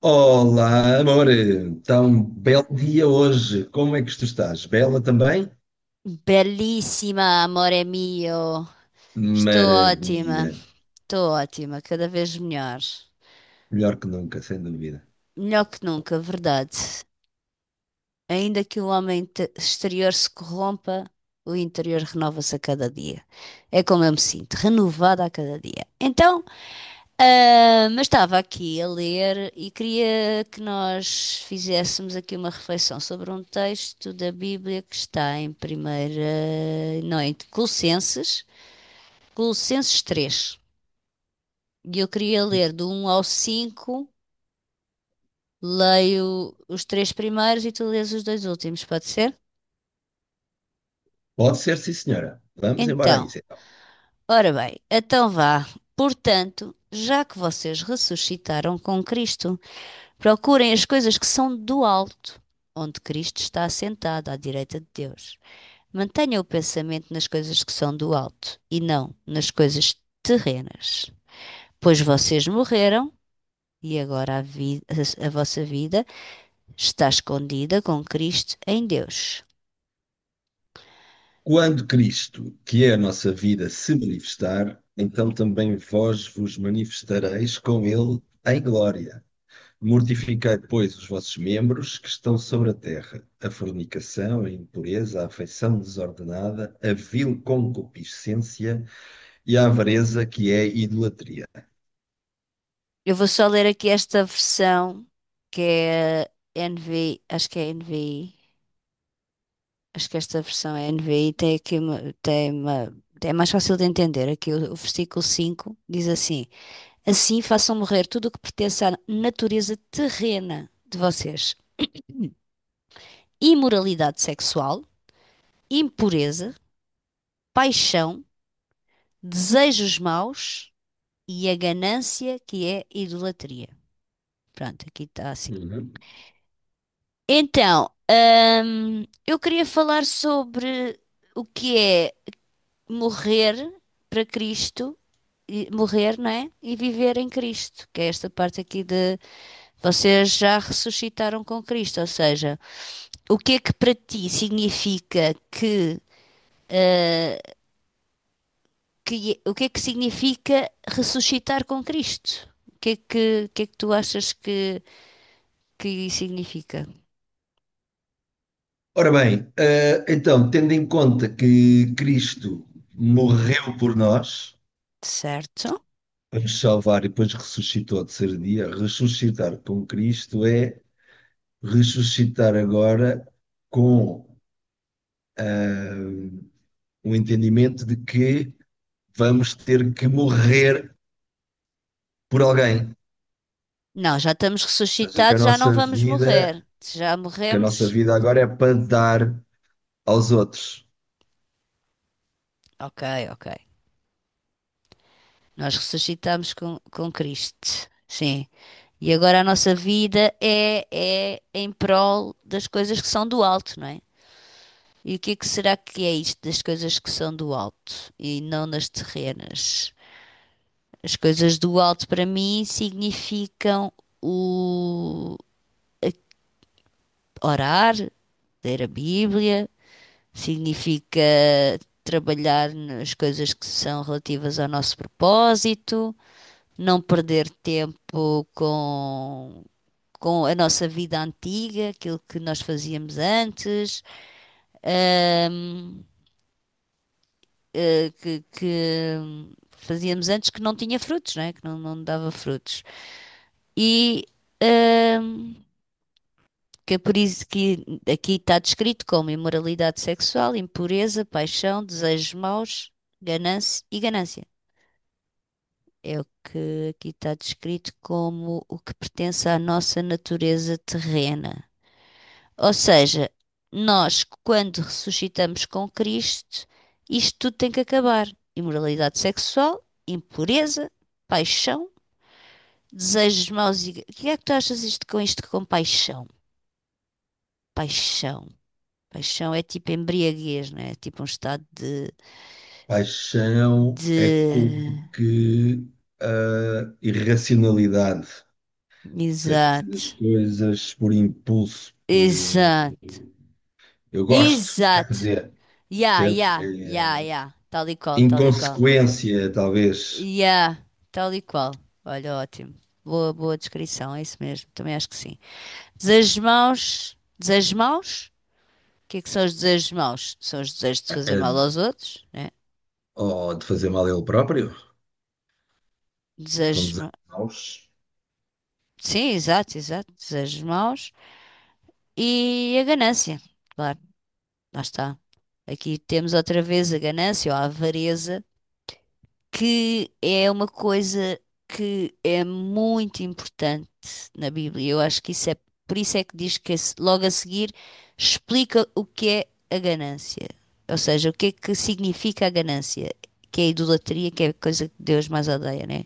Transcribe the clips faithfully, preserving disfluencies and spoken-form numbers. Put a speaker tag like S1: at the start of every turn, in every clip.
S1: Olá, amor! Então, belo dia hoje. Como é que tu estás? Bela também?
S2: Belíssima, amore mio. Estou ótima,
S1: Maravilha!
S2: estou ótima, cada vez melhor.
S1: Melhor que nunca, sem dúvida.
S2: Melhor que nunca, verdade. Ainda que o homem te- exterior se corrompa, o interior renova-se a cada dia. É como eu me sinto, renovada a cada dia. Então, ah, mas estava aqui a ler e queria que nós fizéssemos aqui uma reflexão sobre um texto da Bíblia que está em primeira, não, em Colossenses, Colossenses três. E eu queria ler do um ao cinco, leio os três primeiros e tu lês os dois últimos, pode ser?
S1: Pode ser, sim, senhora. Vamos embora a
S2: Então,
S1: isso, então.
S2: ora bem, então vá. Portanto, já que vocês ressuscitaram com Cristo, procurem as coisas que são do alto, onde Cristo está assentado à direita de Deus. Mantenha o pensamento nas coisas que são do alto e não nas coisas terrenas, pois vocês morreram e agora a vi- a a vossa vida está escondida com Cristo em Deus.
S1: Quando Cristo, que é a nossa vida, se manifestar, então também vós vos manifestareis com ele em glória. Mortificai, pois, os vossos membros que estão sobre a terra: a fornicação, a impureza, a afeição desordenada, a vil concupiscência e a avareza, que é idolatria.
S2: Eu vou só ler aqui esta versão que é a N V I, acho que é a N V I, acho que esta versão é a N V I, tem aqui uma, tem uma, é mais fácil de entender. Aqui o, o versículo cinco diz assim: Assim façam morrer tudo o que pertence à natureza terrena de vocês: imoralidade sexual, impureza, paixão, desejos maus e a ganância, que é idolatria. Pronto, aqui está assim.
S1: Uhum.
S2: Então, hum, eu queria falar sobre o que é morrer para Cristo, e- morrer, não é? E viver em Cristo, que é esta parte aqui de vocês já ressuscitaram com Cristo, ou seja, o que é que para ti significa que, eh, que- é, o que é que significa ressuscitar com Cristo? O que é que, o que é que tu achas que, que significa?
S1: Ora bem, eh, então, tendo em conta que Cristo morreu por nós,
S2: Certo?
S1: para nos salvar e depois ressuscitou ao terceiro dia, ressuscitar com Cristo é ressuscitar agora com eh, o entendimento de que vamos ter que morrer por alguém.
S2: Não, já estamos
S1: Ou seja, que a
S2: ressuscitados, já não
S1: nossa
S2: vamos
S1: vida,
S2: morrer. Se já
S1: que a nossa
S2: morremos,
S1: vida agora é para dar aos outros.
S2: ok, ok. Nós ressuscitamos com, com Cristo, sim. E agora a nossa vida é, é em prol das coisas que são do alto, não é? E o que é que será que é isto das coisas que são do alto e não das terrenas? As coisas do alto para mim significam o orar, ler a Bíblia, significa trabalhar nas coisas que são relativas ao nosso propósito, não perder tempo com, com a nossa vida antiga, aquilo que nós fazíamos antes, hum, eh, que, que fazíamos antes, que não tinha frutos, não é? Que não, não dava frutos. E hum, que é por isso que aqui está descrito como imoralidade sexual, impureza, paixão, desejos maus, ganância e ganância. É o que aqui está descrito como o que pertence à nossa natureza terrena. Ou seja, nós, quando ressuscitamos com Cristo, isto tudo tem que acabar. Imoralidade sexual, impureza, paixão, desejos maus e... O que é que tu achas isto com isto com paixão? Paixão. Paixão é tipo embriaguez, não é? É tipo um estado de,
S1: Paixão é como
S2: de...
S1: que a irracionalidade, sei fazer as
S2: Exato.
S1: coisas por impulso, por eh,
S2: Exato.
S1: eu gosto, quer
S2: Exato.
S1: dizer,
S2: Ya,
S1: percebes?
S2: ya, ya,
S1: É
S2: ya. Tal e qual, tal e qual.
S1: inconsequência, talvez,
S2: Ya, tal e qual. Olha, ótimo. Boa, boa descrição, é isso mesmo. Também acho que sim. Desejos maus. Desejos maus? O que é que são os desejos maus? São os desejos de fazer
S1: eh,
S2: mal aos outros, né?
S1: ou de fazer mal a ele próprio, são
S2: Desejos.
S1: desejos
S2: ma-
S1: maus,
S2: Sim, exato, exato. Desejos maus. E a ganância, claro. Lá está. Aqui temos outra vez a ganância ou a avareza, que é uma coisa que é muito importante na Bíblia. Eu acho que isso é, por isso é que diz que esse- logo a seguir explica o que é a ganância. Ou seja, o que é que significa a ganância, que é a idolatria, que é a coisa que Deus mais odeia, né?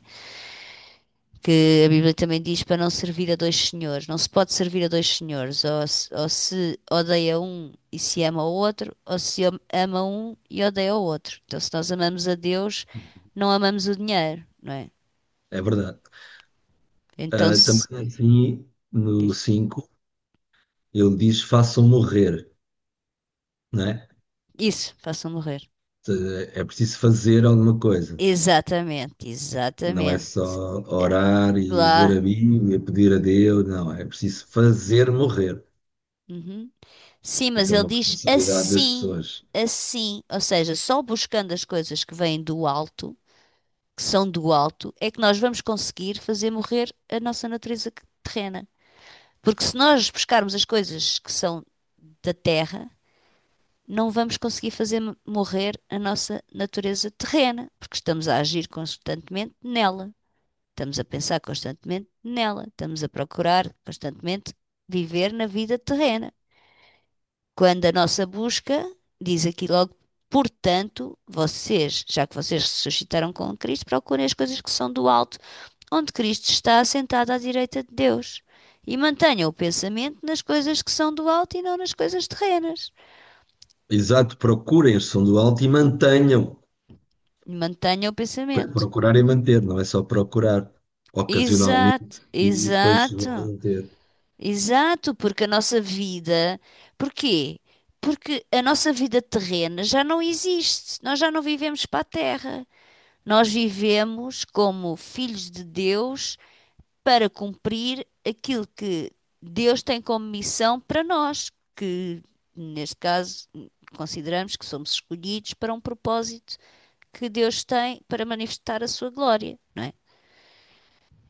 S2: Que a Bíblia também diz para não servir a dois senhores. Não se pode servir a dois senhores, ou se, ou se odeia um e se ama o outro, ou se ama um e odeia o outro. Então, se nós amamos a Deus, não amamos o dinheiro, não é?
S1: é verdade.
S2: Então,
S1: Ah,
S2: se...
S1: também assim, no cinco, ele diz façam morrer, não é?
S2: Isso, façam morrer.
S1: Eh, É preciso fazer alguma coisa.
S2: Exatamente,
S1: Não é
S2: exatamente.
S1: só orar e ler a
S2: Claro.
S1: Bíblia, pedir a Deus, não, é preciso fazer morrer.
S2: Uhum. Sim, mas
S1: Isso é
S2: ele
S1: uma
S2: diz
S1: responsabilidade das
S2: assim,
S1: pessoas.
S2: assim, ou seja, só buscando as coisas que vêm do alto, que são do alto, é que nós vamos conseguir fazer morrer a nossa natureza terrena. Porque se nós buscarmos as coisas que são da terra, não vamos conseguir fazer mo- morrer a nossa natureza terrena, porque estamos a agir constantemente nela, estamos a pensar constantemente nela, estamos a procurar constantemente viver na vida terrena. Quando a nossa busca, diz aqui logo, portanto, vocês, já que vocês ressuscitaram com Cristo, procurem as coisas que são do alto, onde Cristo está assentado à direita de Deus. E mantenha o pensamento nas coisas que são do alto e não nas coisas terrenas.
S1: Exato, procurem a som do alto e mantenham,
S2: Mantenha o
S1: para
S2: pensamento.
S1: procurar e manter, não é só procurar ocasionalmente
S2: Exato,
S1: e depois não
S2: exato,
S1: manter.
S2: exato, porque a nossa vida. Porquê? Porque a nossa vida terrena já não existe. Nós já não vivemos para a terra. Nós vivemos como filhos de Deus para cumprir aquilo que Deus tem como missão para nós, que neste caso consideramos que somos escolhidos para um propósito que Deus tem para manifestar a sua glória, não é?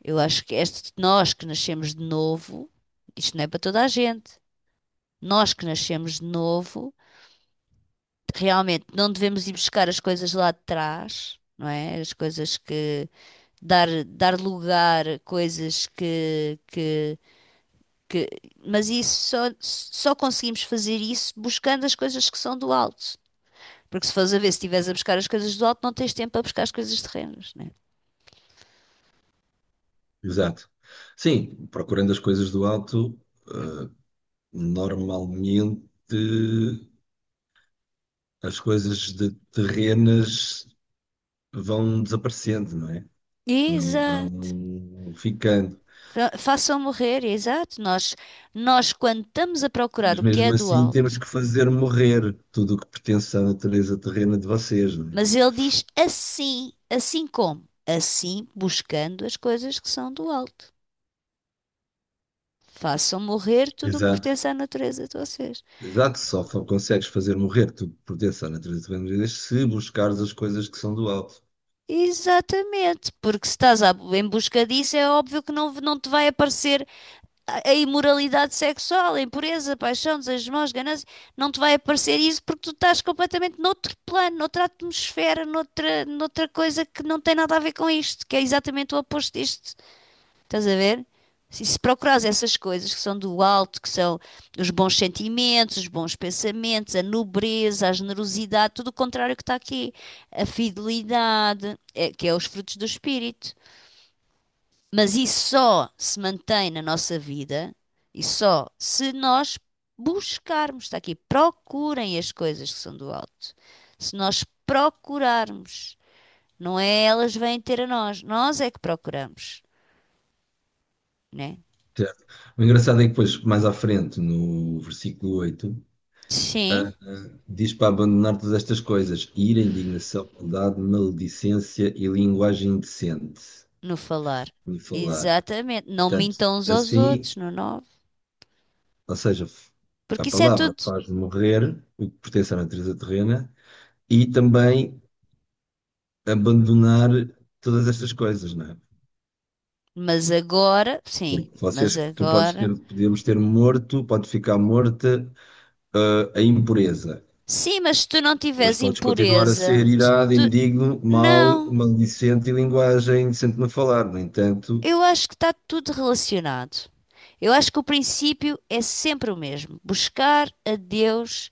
S2: Eu acho que este, nós que nascemos de novo, isto não é para toda a gente. Nós que nascemos de novo, realmente não devemos ir buscar as coisas lá de trás, não é? As coisas que dar dar lugar a coisas que que que- mas isso só, só conseguimos fazer isso buscando as coisas que são do alto. Porque se fores a ver, se estiveres a buscar as coisas do alto, não tens tempo para buscar as coisas terrenas, né?
S1: Exato. Sim, procurando as coisas do alto, eh, normalmente as coisas de terrenas vão desaparecendo, não é? Não
S2: Exato.
S1: vão ficando.
S2: Fa- Façam morrer, exato. Nós, nós, quando estamos a procurar
S1: Mas
S2: o que é
S1: mesmo
S2: do
S1: assim temos
S2: alto,
S1: que fazer morrer tudo o que pertence à natureza terrena de vocês, não é?
S2: mas ele diz assim, assim como? Assim, buscando as coisas que são do alto. Façam morrer tudo o que
S1: Exato.
S2: pertence à natureza de vocês.
S1: Exato, só fa- consegues fazer morrer tudo que pertence à natureza terrena de vocês se buscares as coisas que são do alto.
S2: Exatamente, porque se estás à- em busca disso, é óbvio que não, não te vai aparecer a, a imoralidade sexual, a impureza, a paixão, desejos maus, ganância, não te vai aparecer isso porque tu estás completamente noutro plano, noutra atmosfera, noutra, noutra coisa que não tem nada a ver com isto, que é exatamente o oposto disto. Estás a ver? Se se procurares essas coisas que são do alto, que são os bons sentimentos, os bons pensamentos, a nobreza, a generosidade, tudo o contrário que está aqui. A fidelidade, é- que é os frutos do espírito. Mas isso só se mantém na nossa vida e só se nós buscarmos. Está aqui, procurem as coisas que são do alto. Se nós procurarmos, não é elas vêm ter a nós, nós é que procuramos, né?
S1: Certo. O engraçado é que depois, mais à frente, no versículo oito
S2: Sim.
S1: diz para abandonar todas estas coisas, ira, indignação, maldade, maledicência e linguagem indecente
S2: No falar.
S1: de falar.
S2: Exatamente. Não
S1: Portanto,
S2: mintam uns aos
S1: assim,
S2: outros, no nove.
S1: ou seja, a
S2: Porque isso é
S1: palavra
S2: tudo.
S1: faz morrer o que pertence à natureza terrena e também abandonar todas estas coisas, não é?
S2: Mas agora, sim,
S1: Porque
S2: mas
S1: vocês, tu podes ter,
S2: agora.
S1: podemos ter morto, pode ficar morta, ah, a impureza,
S2: Sim, mas se tu não
S1: mas
S2: tiveres
S1: podes continuar a ser
S2: impureza, se
S1: irado,
S2: tu...
S1: indigno, mau,
S2: não.
S1: maledicente e linguagem indecente no falar. No entanto,
S2: Eu acho que está tudo relacionado. Eu acho que o princípio é sempre o mesmo: buscar a Deus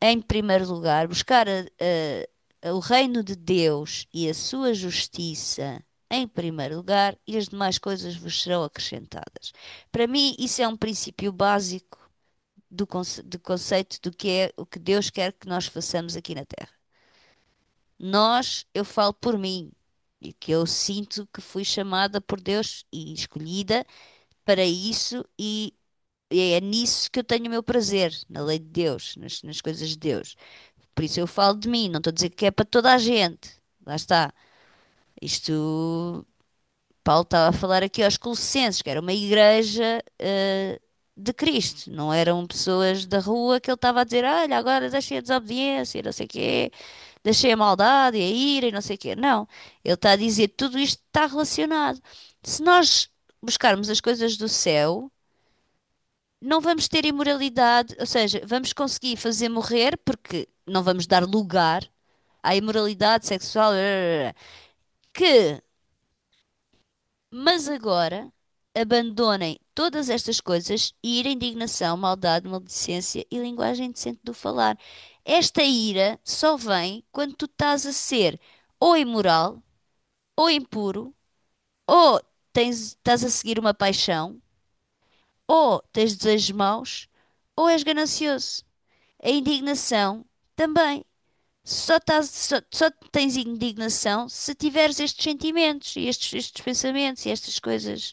S2: em primeiro lugar, buscar a- a- a, o reino de Deus e a sua justiça em primeiro lugar, e as demais coisas vos serão acrescentadas. Para mim, isso é um princípio básico do, conce- do conceito do que é o que Deus quer que nós façamos aqui na Terra. Nós, eu falo por mim, e que eu sinto que fui chamada por Deus e escolhida para isso, e é nisso que eu tenho o meu prazer, na lei de Deus, nas nas coisas de Deus. Por isso eu falo de mim, não estou a dizer que é para toda a gente. Lá está. Isto, Paulo estava a falar aqui aos Colossenses, que era uma igreja de Cristo, não eram pessoas da rua que ele estava a dizer, olha, agora deixei a desobediência, e não sei o quê, deixei a maldade e a ira e não sei o quê. Não, ele está a dizer, tudo isto está relacionado. Se nós buscarmos as coisas do céu, não vamos ter imoralidade, ou seja, vamos conseguir fazer morrer, porque não vamos dar lugar à imoralidade sexual, eh, que, mas agora, abandonem todas estas coisas e ira, indignação, maldade, maledicência e linguagem indecente do falar. Esta ira só vem quando tu estás a ser ou imoral, ou impuro, ou tens, estás a seguir uma paixão, ou tens desejos maus, ou és ganancioso. A indignação também. Só, tás- só, só tens indignação se tiveres estes sentimentos e estes, estes pensamentos e estas coisas.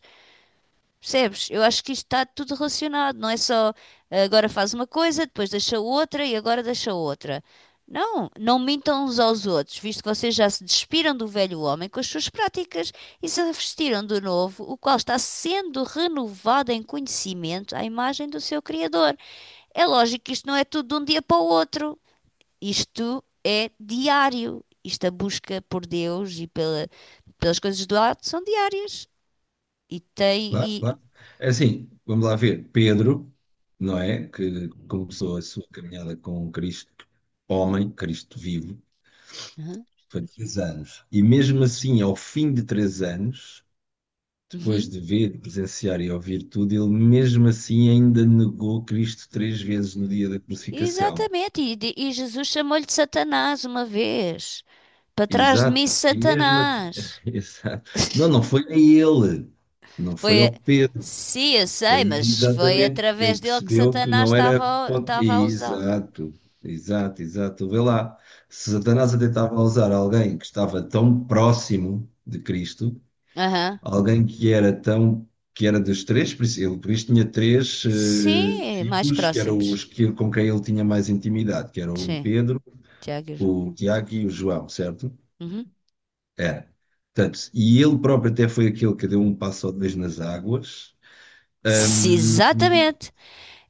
S2: Percebes? Eu acho que isto está tudo relacionado. Não é só ah, agora faz uma coisa, depois deixa outra e agora deixa outra. Não, não mintam uns aos outros, visto que vocês já se despiram do velho homem com as suas práticas e se vestiram do novo, o qual está sendo renovado em conhecimento à imagem do seu Criador. É lógico que isto não é tudo de um dia para o outro. Isto é diário. Isto a busca por Deus e pela, pelas coisas do alto são diárias. E tem.
S1: claro,
S2: E,
S1: claro. É assim, vamos lá ver. Pedro, não é? Que começou a sua caminhada com Cristo, homem, Cristo vivo,
S2: Uhum.
S1: foi três anos. E mesmo assim, ao fim de três anos, depois
S2: Uhum.
S1: de ver, de presenciar e ouvir tudo, ele mesmo assim ainda negou Cristo três vezes no dia da crucificação.
S2: Exatamente. E, de- e Jesus chamou-lhe de Satanás uma vez. Para trás de mim,
S1: Exato, e mesmo assim,
S2: Satanás.
S1: exato. Não, não foi a ele, não foi
S2: Foi. a-
S1: ao Pedro,
S2: Sim, eu
S1: foi
S2: sei, mas foi
S1: exatamente, ele
S2: através dele que
S1: percebeu que
S2: Satanás
S1: não era.
S2: estava, a-
S1: ponto-
S2: estava a usá-lo.
S1: Exato, exato, exato. Vê lá, se Satanás até estava a usar alguém que estava tão próximo de Cristo.
S2: Aham.
S1: Alguém que era tão, que era dos três, por isso- ele por isso tinha três eh,
S2: Sim, mais
S1: filhos, que eram os
S2: próximos.
S1: que, com quem ele tinha mais intimidade, que eram o
S2: Sim,
S1: Pedro,
S2: Tiago e João.
S1: o Tiago e o João, certo?
S2: Uhum.
S1: Era. Portanto, e ele próprio até foi aquele que deu um passo ou dois nas águas,
S2: Sim, exatamente.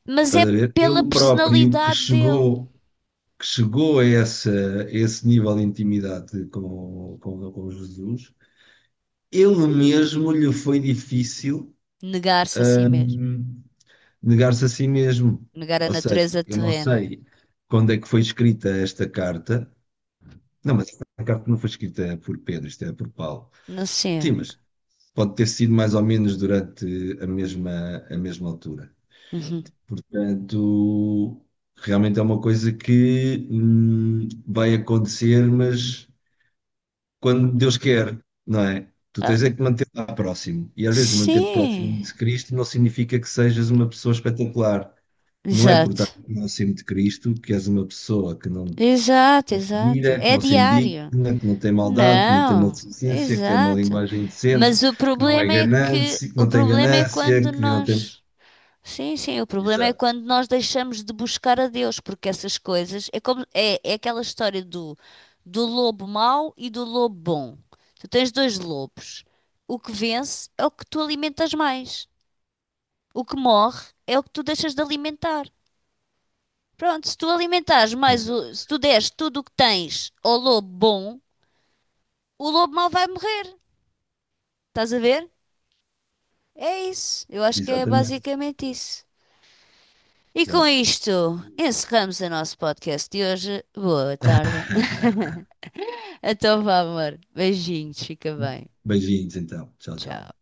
S2: Mas é
S1: estás a ver?
S2: pela
S1: Ele próprio que
S2: personalidade dele.
S1: chegou, que chegou a essa, a esse nível de intimidade com, com, com Jesus, ele mesmo lhe foi difícil
S2: Negar-se a si mesmo.
S1: negar-se a si mesmo.
S2: Negar a
S1: Ou seja,
S2: natureza
S1: eu não
S2: terrena.
S1: sei quando é que foi escrita esta carta. Não, mas esta carta não foi escrita por Pedro, isto é por Paulo.
S2: Não
S1: Sim,
S2: sei.
S1: mas pode ter sido mais ou menos durante a mesma, a mesma altura.
S2: Uhum.
S1: Portanto, realmente é uma coisa que hum, vai acontecer, mas quando Deus quer, não é? Tu
S2: Ah,
S1: tens é que manter lá próximo. E às vezes manter próximo
S2: sim.
S1: de Cristo não significa que sejas uma pessoa espetacular. Não é por estar
S2: Exato.
S1: no nascimento de Cristo que és uma pessoa que não
S2: Exato,
S1: se
S2: exato.
S1: ira, que
S2: É
S1: não se
S2: diário.
S1: indigna, que não tem maldade, que não tem
S2: Não.
S1: maldecência, que tem uma
S2: Exato.
S1: linguagem decente,
S2: Mas o
S1: que não é
S2: problema é que
S1: ganância, que
S2: o
S1: não tem
S2: problema é
S1: ganância,
S2: quando
S1: que não tem.
S2: nós Sim, sim, o problema é
S1: Exato,
S2: quando nós deixamos de buscar a Deus, porque essas coisas é como é, é aquela história do, do lobo mau e do lobo bom. Tu tens dois lobos. O que vence é o que tu alimentas mais. O que morre é o que tu deixas de alimentar. Pronto, se tu alimentares mais,
S1: exato,
S2: o- se tu deres tudo o que tens ao lobo bom, o lobo mau vai morrer. Estás a ver? É isso. Eu acho que é
S1: exatamente.
S2: basicamente isso. E com
S1: Claro.
S2: isto, encerramos o nosso podcast de hoje. Boa tarde. Então vá, amor. Beijinhos, fica bem.
S1: Beijinhos então. Tchau, tchau.
S2: Tchau.